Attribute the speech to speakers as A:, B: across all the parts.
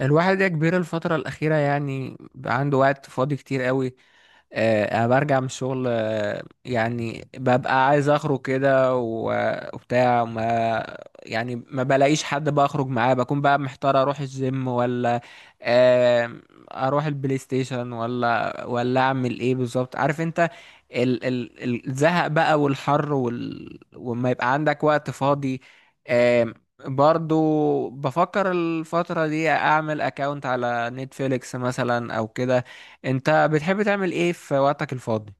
A: الواحد يا كبير الفترة الأخيرة يعني بقى عنده وقت فاضي كتير قوي. أنا برجع من الشغل، يعني ببقى عايز أخرج كده وبتاع ما يعني، ما بلاقيش حد بقى أخرج معاه، بكون بقى محتار أروح الجيم ولا آه، أروح البلاي ستيشن، ولا أعمل إيه بالظبط، عارف أنت. ال ال الزهق بقى والحر، وما يبقى عندك وقت فاضي. برضو بفكر الفترة دي اعمل اكاونت على نتفليكس مثلا او كده. انت بتحب تعمل ايه في وقتك الفاضي؟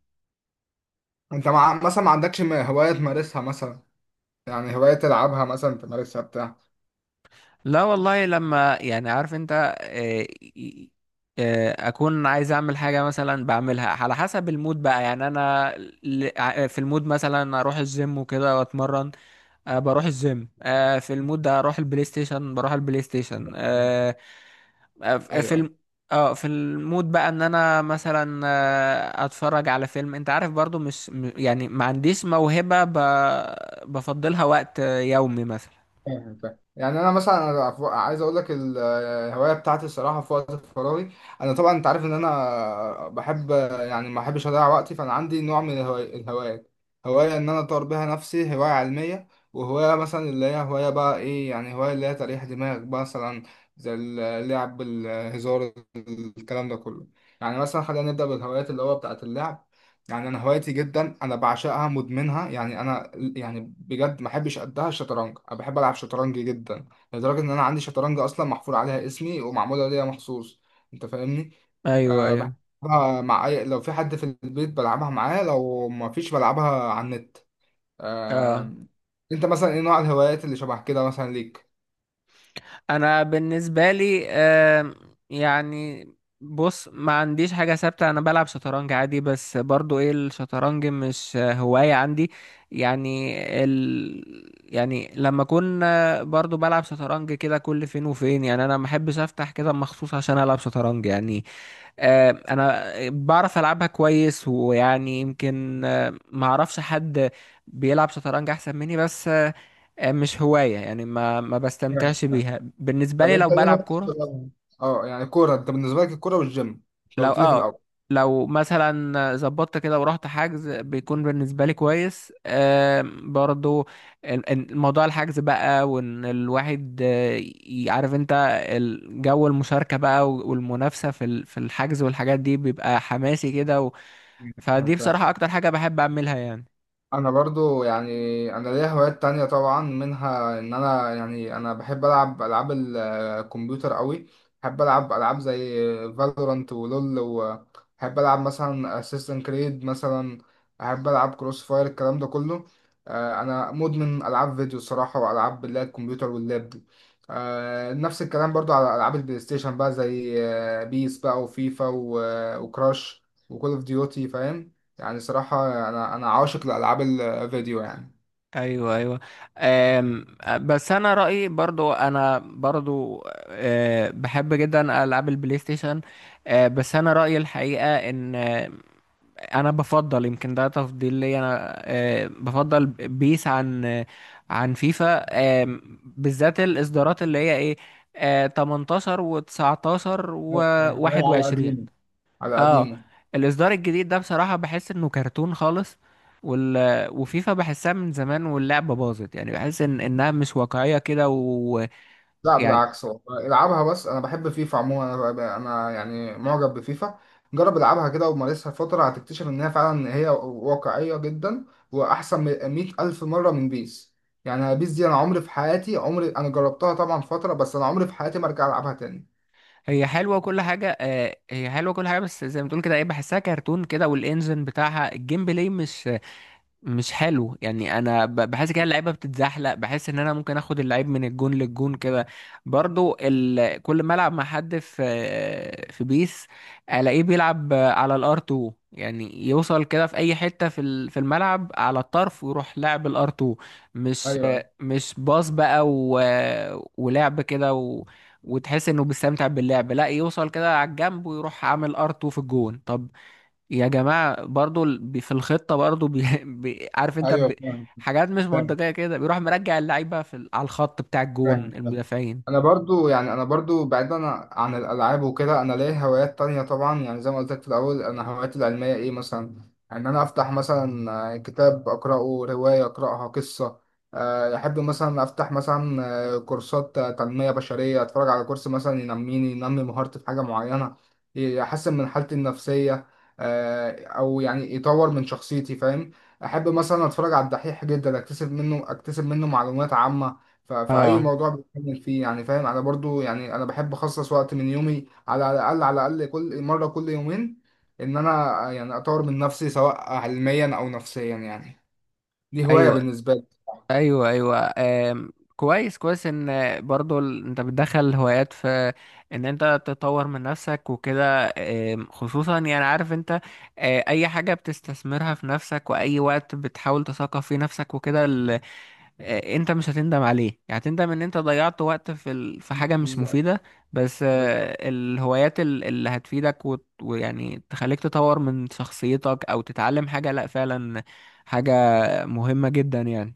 B: انت مثلا ما عندكش هواية تمارسها مثلا، يعني هواية تلعبها مثلا تمارسها بتاع.
A: لا والله، لما، يعني عارف انت، آه، ي- اكون عايز اعمل حاجة مثلا بعملها على حسب المود بقى، يعني انا في المود مثلا اروح الجيم وكده واتمرن. بروح الجيم. في المود ده اروح البلاي ستيشن، بروح البلاي ستيشن. في
B: ايوه أيوة.
A: الم... اه في المود بقى ان انا مثلا اتفرج على فيلم، انت عارف، برضو مش يعني ما عنديش موهبة بفضلها وقت يومي مثلا.
B: فاهم، فاهم. يعني انا مثلا عايز اقول لك الهوايه بتاعتي الصراحه في وقت فراغي. انا طبعا انت عارف ان انا بحب، يعني ما بحبش اضيع وقتي، فانا عندي نوع من الهوايات. هوايه ان انا اطور بيها نفسي، هوايه علميه، وهوايه مثلا اللي هي هوايه بقى ايه، يعني هوايه اللي هي تريح دماغ بقى مثلا، زي اللعب الهزار الكلام ده كله. يعني مثلا خلينا نبدا بالهوايات اللي هو بتاعت اللعب. يعني انا هوايتي جدا انا بعشقها مدمنها يعني انا، يعني بجد ما بحبش قدها الشطرنج، انا بحب العب شطرنج جدا. لدرجه ان انا عندي شطرنج اصلا محفور عليها اسمي ومعموله ليا مخصوص. انت فاهمني؟
A: ايوه،
B: أه
A: ايوه.
B: بحبها، مع اي لو في حد في البيت بلعبها معاه، لو ما فيش بلعبها على النت.
A: اه،
B: أه. انت مثلا ايه نوع الهوايات اللي شبه كده مثلا ليك؟
A: انا بالنسبه لي، يعني، بص ما عنديش حاجه ثابته، انا بلعب شطرنج عادي بس، برضو ايه، الشطرنج مش هوايه عندي، يعني يعني لما اكون برضو بلعب شطرنج كده كل فين وفين، يعني انا ما احبش افتح كده مخصوص عشان العب شطرنج يعني. انا بعرف العبها كويس، ويعني يمكن ما اعرفش حد بيلعب شطرنج احسن مني، بس مش هواية يعني، ما
B: فاهم،
A: بستمتعش
B: فاهم.
A: بيها، بالنسبة
B: طب
A: لي لو
B: انت ايه
A: بلعب
B: هوايتك في
A: كورة.
B: الشطرنج؟ اه يعني كوره، انت بالنسبه لك الكوره والجيم، انت
A: لو
B: قلت لي في
A: اه،
B: الاول.
A: لو مثلا ظبطت كده ورحت حجز بيكون بالنسبة لي كويس، برضو موضوع الحجز بقى، وان الواحد، عارف انت، الجو المشاركة بقى والمنافسة في الحجز والحاجات دي بيبقى حماسي كده.
B: فاهم،
A: فدي
B: فاهم.
A: بصراحة أكتر حاجة بحب أعملها يعني.
B: انا برضو يعني انا ليا هوايات تانية طبعا، منها ان انا يعني انا بحب العب العاب الكمبيوتر قوي. بحب العب العاب زي فالورانت ولول، وبحب العب مثلا اسيستنت كريد مثلا. بحب العب كروس فاير الكلام ده كله. انا مدمن العاب فيديو الصراحة، والعاب اللي هي الكمبيوتر واللاب دي. نفس الكلام برضو على العاب البلاي ستيشن بقى، زي بيس بقى وفيفا وكراش وكول اوف ديوتي، فاهم. يعني صراحة أنا عاشق لألعاب الفيديو يعني.
A: أيوه، أيوه. أم بس أنا رأيي، برضو، أنا برضو أه بحب جدا ألعاب البلاي ستيشن. أه بس أنا رأيي الحقيقة إن أنا بفضل، يمكن ده تفضيل لي أنا، أه بفضل بيس عن عن فيفا، أه، بالذات الإصدارات اللي هي إيه، أه 18 و19
B: يعني ده على قديمه،
A: و21.
B: على
A: اه،
B: قديمه.
A: الاصدار الجديد ده بصراحة بحس انه كرتون خالص، وال... وفيفا بحسها من زمان واللعبة باظت، يعني بحس ان انها مش واقعية كده، ويعني
B: لا بالعكس، والله العبها، بس أنا بحب فيفا عموما، أنا يعني معجب بفيفا. جرب العبها كده ومارسها فترة، هتكتشف إن هي فعلا هي واقعية جدا، وأحسن من مية ألف مرة من بيس. يعني بيس دي أنا عمري في حياتي، عمري أنا جربتها طبعا فترة، بس أنا عمري في حياتي ما أرجع ألعبها تاني.
A: هي حلوة وكل حاجة، آه هي حلوة كل حاجة، بس زي ما تقول كده، ايه بحسها كرتون كده، والانجن بتاعها، الجيم بلاي مش حلو يعني، انا بحس كده اللعيبه بتتزحلق، بحس ان انا ممكن اخد اللعيب من الجون للجون كده. برضو كل ما العب مع حد في بيس، الاقيه بيلعب على الار 2، يعني يوصل كده في اي حته في الملعب على الطرف، ويروح لاعب الار 2، مش
B: ايوه،
A: مش باص بقى ولعب كده وتحس انه بيستمتع باللعب، لا يوصل كده على الجنب ويروح عامل ار 2 في الجون. طب يا جماعة، برضو في الخطة، برضو عارف انت،
B: ايوه.
A: حاجات مش منطقية كده، بيروح مرجع اللعيبة على الخط بتاع الجون
B: فاهم.
A: المدافعين.
B: انا برضو يعني انا برضو بعيدا عن الالعاب وكده، انا ليا هوايات تانية طبعا، يعني زي ما قلت لك في الاول. انا هواياتي العلميه ايه مثلا، ان انا افتح مثلا كتاب اقراه، روايه اقراها، قصه. احب مثلا افتح مثلا كورسات تنميه بشريه، اتفرج على كورس مثلا ينميني ينمي مهارتي في حاجه معينه، يحسن من حالتي النفسيه او يعني يطور من شخصيتي، فاهم. احب مثلا اتفرج على الدحيح جدا، اكتسب منه اكتسب منه معلومات عامه، فأي
A: اه،
B: موضوع بتكلم فيه يعني، فاهم. أنا برضو يعني أنا بحب أخصص وقت من يومي على الأقل، على الأقل كل مرة كل يومين، إن أنا يعني أطور من نفسي، سواء علميا أو نفسيا يعني. دي هواية
A: ايوه،
B: بالنسبة لي.
A: ايوه، ايوه، كويس، كويس، ان برضو انت بتدخل هوايات في ان انت تطور من نفسك وكده، خصوصا يعني عارف انت، اي حاجة بتستثمرها في نفسك، واي وقت بتحاول تثقف فيه نفسك وكده، انت مش هتندم عليه، يعني هتندم ان انت ضيعت وقت في حاجة مش
B: بالظبط،
A: مفيدة. بس
B: بالظبط.
A: الهوايات اللي هتفيدك ويعني تخليك تطور من شخصيتك او تتعلم حاجة، لا فعلا حاجة مهمة جدا يعني.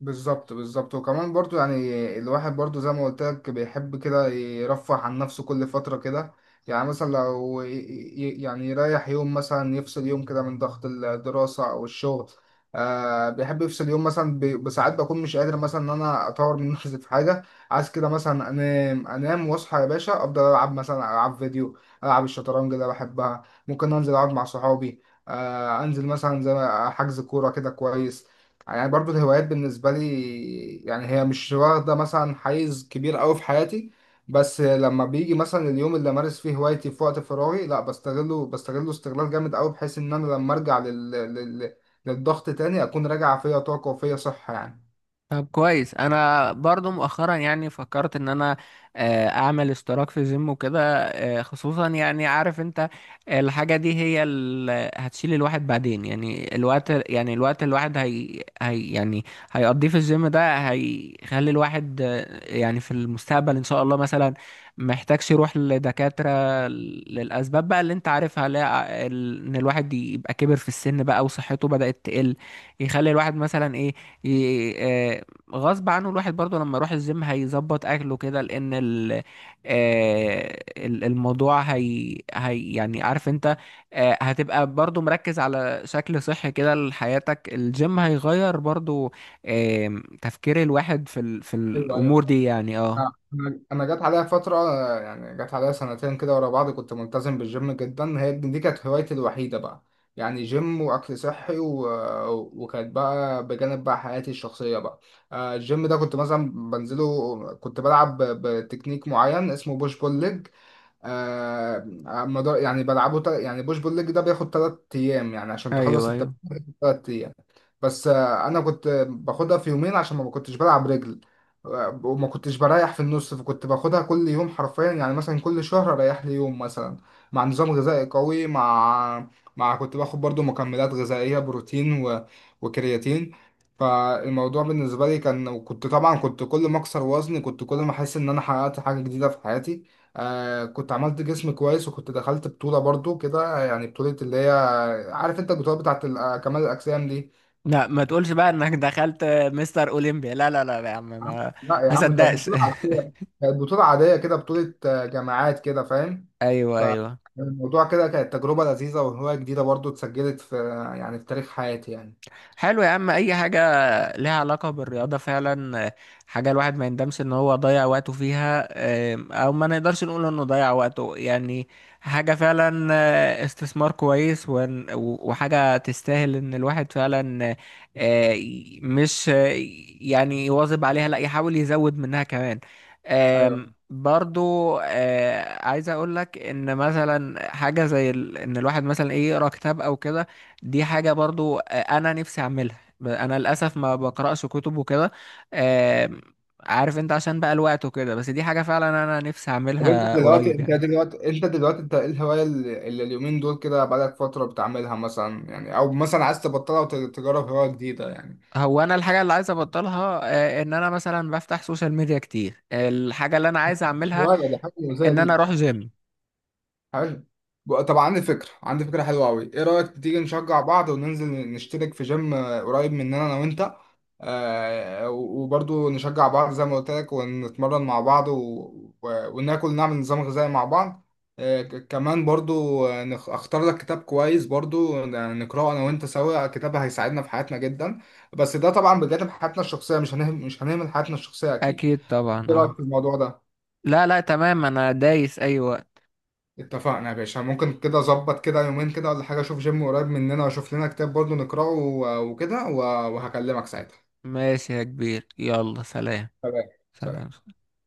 B: بالظبط، بالظبط. وكمان برضو يعني الواحد برضو زي ما قلت لك بيحب كده يرفه عن نفسه كل فترة كده. يعني مثلا لو يعني يريح يوم مثلا، يفصل يوم كده من ضغط الدراسة أو الشغل. آه بيحب يفصل يوم مثلا بساعات، بكون مش قادر مثلا إن أنا أطور من نفسي في حاجة. عايز كده مثلا أنام أنام وأصحى يا باشا، أفضل ألعب مثلا، ألعب فيديو، ألعب الشطرنج اللي بحبها، ممكن أنزل أقعد مع صحابي. آه أنزل مثلا زي حجز كورة كده كويس. يعني برضو الهوايات بالنسبة لي يعني هي مش واخدة مثلا حيز كبير أوي في حياتي. بس لما بيجي مثلا اليوم اللي أمارس فيه هوايتي في وقت فراغي لا، بستغله استغلال جامد أوي، بحيث إن أنا لما أرجع للضغط تاني، أكون راجع فيا طاقة وفيا صحة يعني.
A: طب كويس، انا برضو مؤخرا يعني فكرت ان انا اعمل اشتراك في جيم وكده، خصوصا يعني عارف انت، الحاجة دي هي اللي هتشيل الواحد بعدين، يعني الوقت، يعني الوقت الواحد هي يعني هيقضيه في الجيم ده، هيخلي الواحد يعني في المستقبل ان شاء الله مثلا محتاجش يروح لدكاترة للأسباب بقى اللي انت عارفها. لا ان الواحد يبقى كبر في السن بقى وصحته بدأت تقل، يخلي الواحد مثلا ايه، غصب عنه الواحد برضه لما يروح الجيم هيظبط اكله كده، لان الموضوع هي يعني عارف انت، هتبقى برضه مركز على شكل صحي كده لحياتك، الجيم هيغير برضه تفكير الواحد في
B: ايوه، ايوه.
A: الامور دي يعني، اه.
B: أنا جت عليا فتره، يعني جت عليا سنتين كده ورا بعض، كنت ملتزم بالجيم جدا، هي دي كانت هوايتي الوحيده بقى. يعني جيم واكل صحي وكانت بقى بجانب بقى حياتي الشخصيه بقى. الجيم ده كنت مثلا بنزله، كنت بلعب بتكنيك معين اسمه بوش بول ليج. آه مدار يعني بلعبه يعني بوش بول ليج ده بياخد تلات أيام، يعني عشان تخلص
A: ايوه،
B: التمرين
A: ايوه.
B: بياخد تلات أيام. بس أنا كنت باخدها في يومين عشان ما كنتش بلعب رجل. وما كنتش بريح في النص، فكنت باخدها كل يوم حرفيا، يعني مثلا كل شهر أريح لي يوم مثلا، مع نظام غذائي قوي، مع مع كنت باخد برضو مكملات غذائية بروتين وكرياتين. فالموضوع بالنسبة لي كان، وكنت طبعا كنت كل ما أكسر وزني كنت كل ما أحس إن أنا حققت حاجة جديدة في حياتي. آه كنت عملت جسم كويس، وكنت دخلت بطولة برضو كده، يعني بطولة اللي هي، عارف انت البطولة بتاعت كمال الأجسام دي.
A: لا ما تقولش بقى انك دخلت مستر اولمبيا، لا لا لا يا عم، ما
B: لا يا
A: ما
B: عم، كانت
A: صدقش.
B: بطولة عادية. كانت بطولة عادية كده، بطولة جامعات كده، فاهم.
A: ايوه، ايوه.
B: فالموضوع كده كانت تجربة لذيذة وهواية جديدة برضو اتسجلت في، يعني في تاريخ حياتي يعني.
A: حلو يا عم، اي حاجه لها علاقه بالرياضه فعلا، حاجه الواحد ما يندمش ان هو ضيع وقته فيها، او ما نقدرش نقول انه ضيع وقته يعني، حاجه فعلا استثمار كويس، وحاجه تستاهل ان الواحد فعلا مش آه، يعني يواظب عليها، لا يحاول يزود منها كمان.
B: ايوه.
A: برضو عايز اقول لك ان مثلا حاجه زي ان الواحد مثلا ايه، يقرا كتاب او كده، دي حاجة برضو أنا نفسي أعملها، أنا للأسف ما بقرأش كتب وكده، آم، عارف أنت عشان بقى الوقت وكده، بس دي حاجة فعلا أنا نفسي
B: طب
A: أعملها قريب يعني.
B: انت دلوقتي انت ايه الهواية اللي اليومين دول كده بقالك فترة بتعملها مثلا يعني، او مثلا عايز تبطلها وتجرب هواية جديده يعني؟
A: هو أنا الحاجة اللي عايز أبطلها إن أنا مثلا بفتح سوشيال ميديا كتير. الحاجة اللي أنا عايز
B: مش
A: أعملها
B: هواية، ده حاجة مزية
A: إن أنا
B: ليك.
A: أروح جيم.
B: حلو. طب عندي فكرة، عندي فكرة حلوة أوي، إيه رأيك تيجي نشجع بعض وننزل نشترك في جيم قريب مننا أنا وأنت. آه وبرضو نشجع بعض زي ما قلت لك، ونتمرن مع بعض وناكل نعمل نظام غذائي مع بعض. آه كمان برضو أختار لك كتاب كويس برضو نقرأه أنا وأنت سوا، كتاب هيساعدنا في حياتنا جدا. بس ده طبعا بجانب حياتنا الشخصية، مش هنهمل حياتنا الشخصية أكيد.
A: أكيد طبعا،
B: إيه رأيك
A: أه.
B: في الموضوع ده؟
A: لا لا، تمام، أنا دايس أي وقت.
B: اتفقنا يا باشا، ممكن كده اظبط كده يومين كده ولا حاجه، اشوف جيم قريب مننا واشوف لنا كتاب برضو نقراه وكده وهكلمك ساعتها.
A: ماشي يا كبير، يلا سلام.
B: تمام، سلام.
A: سلام.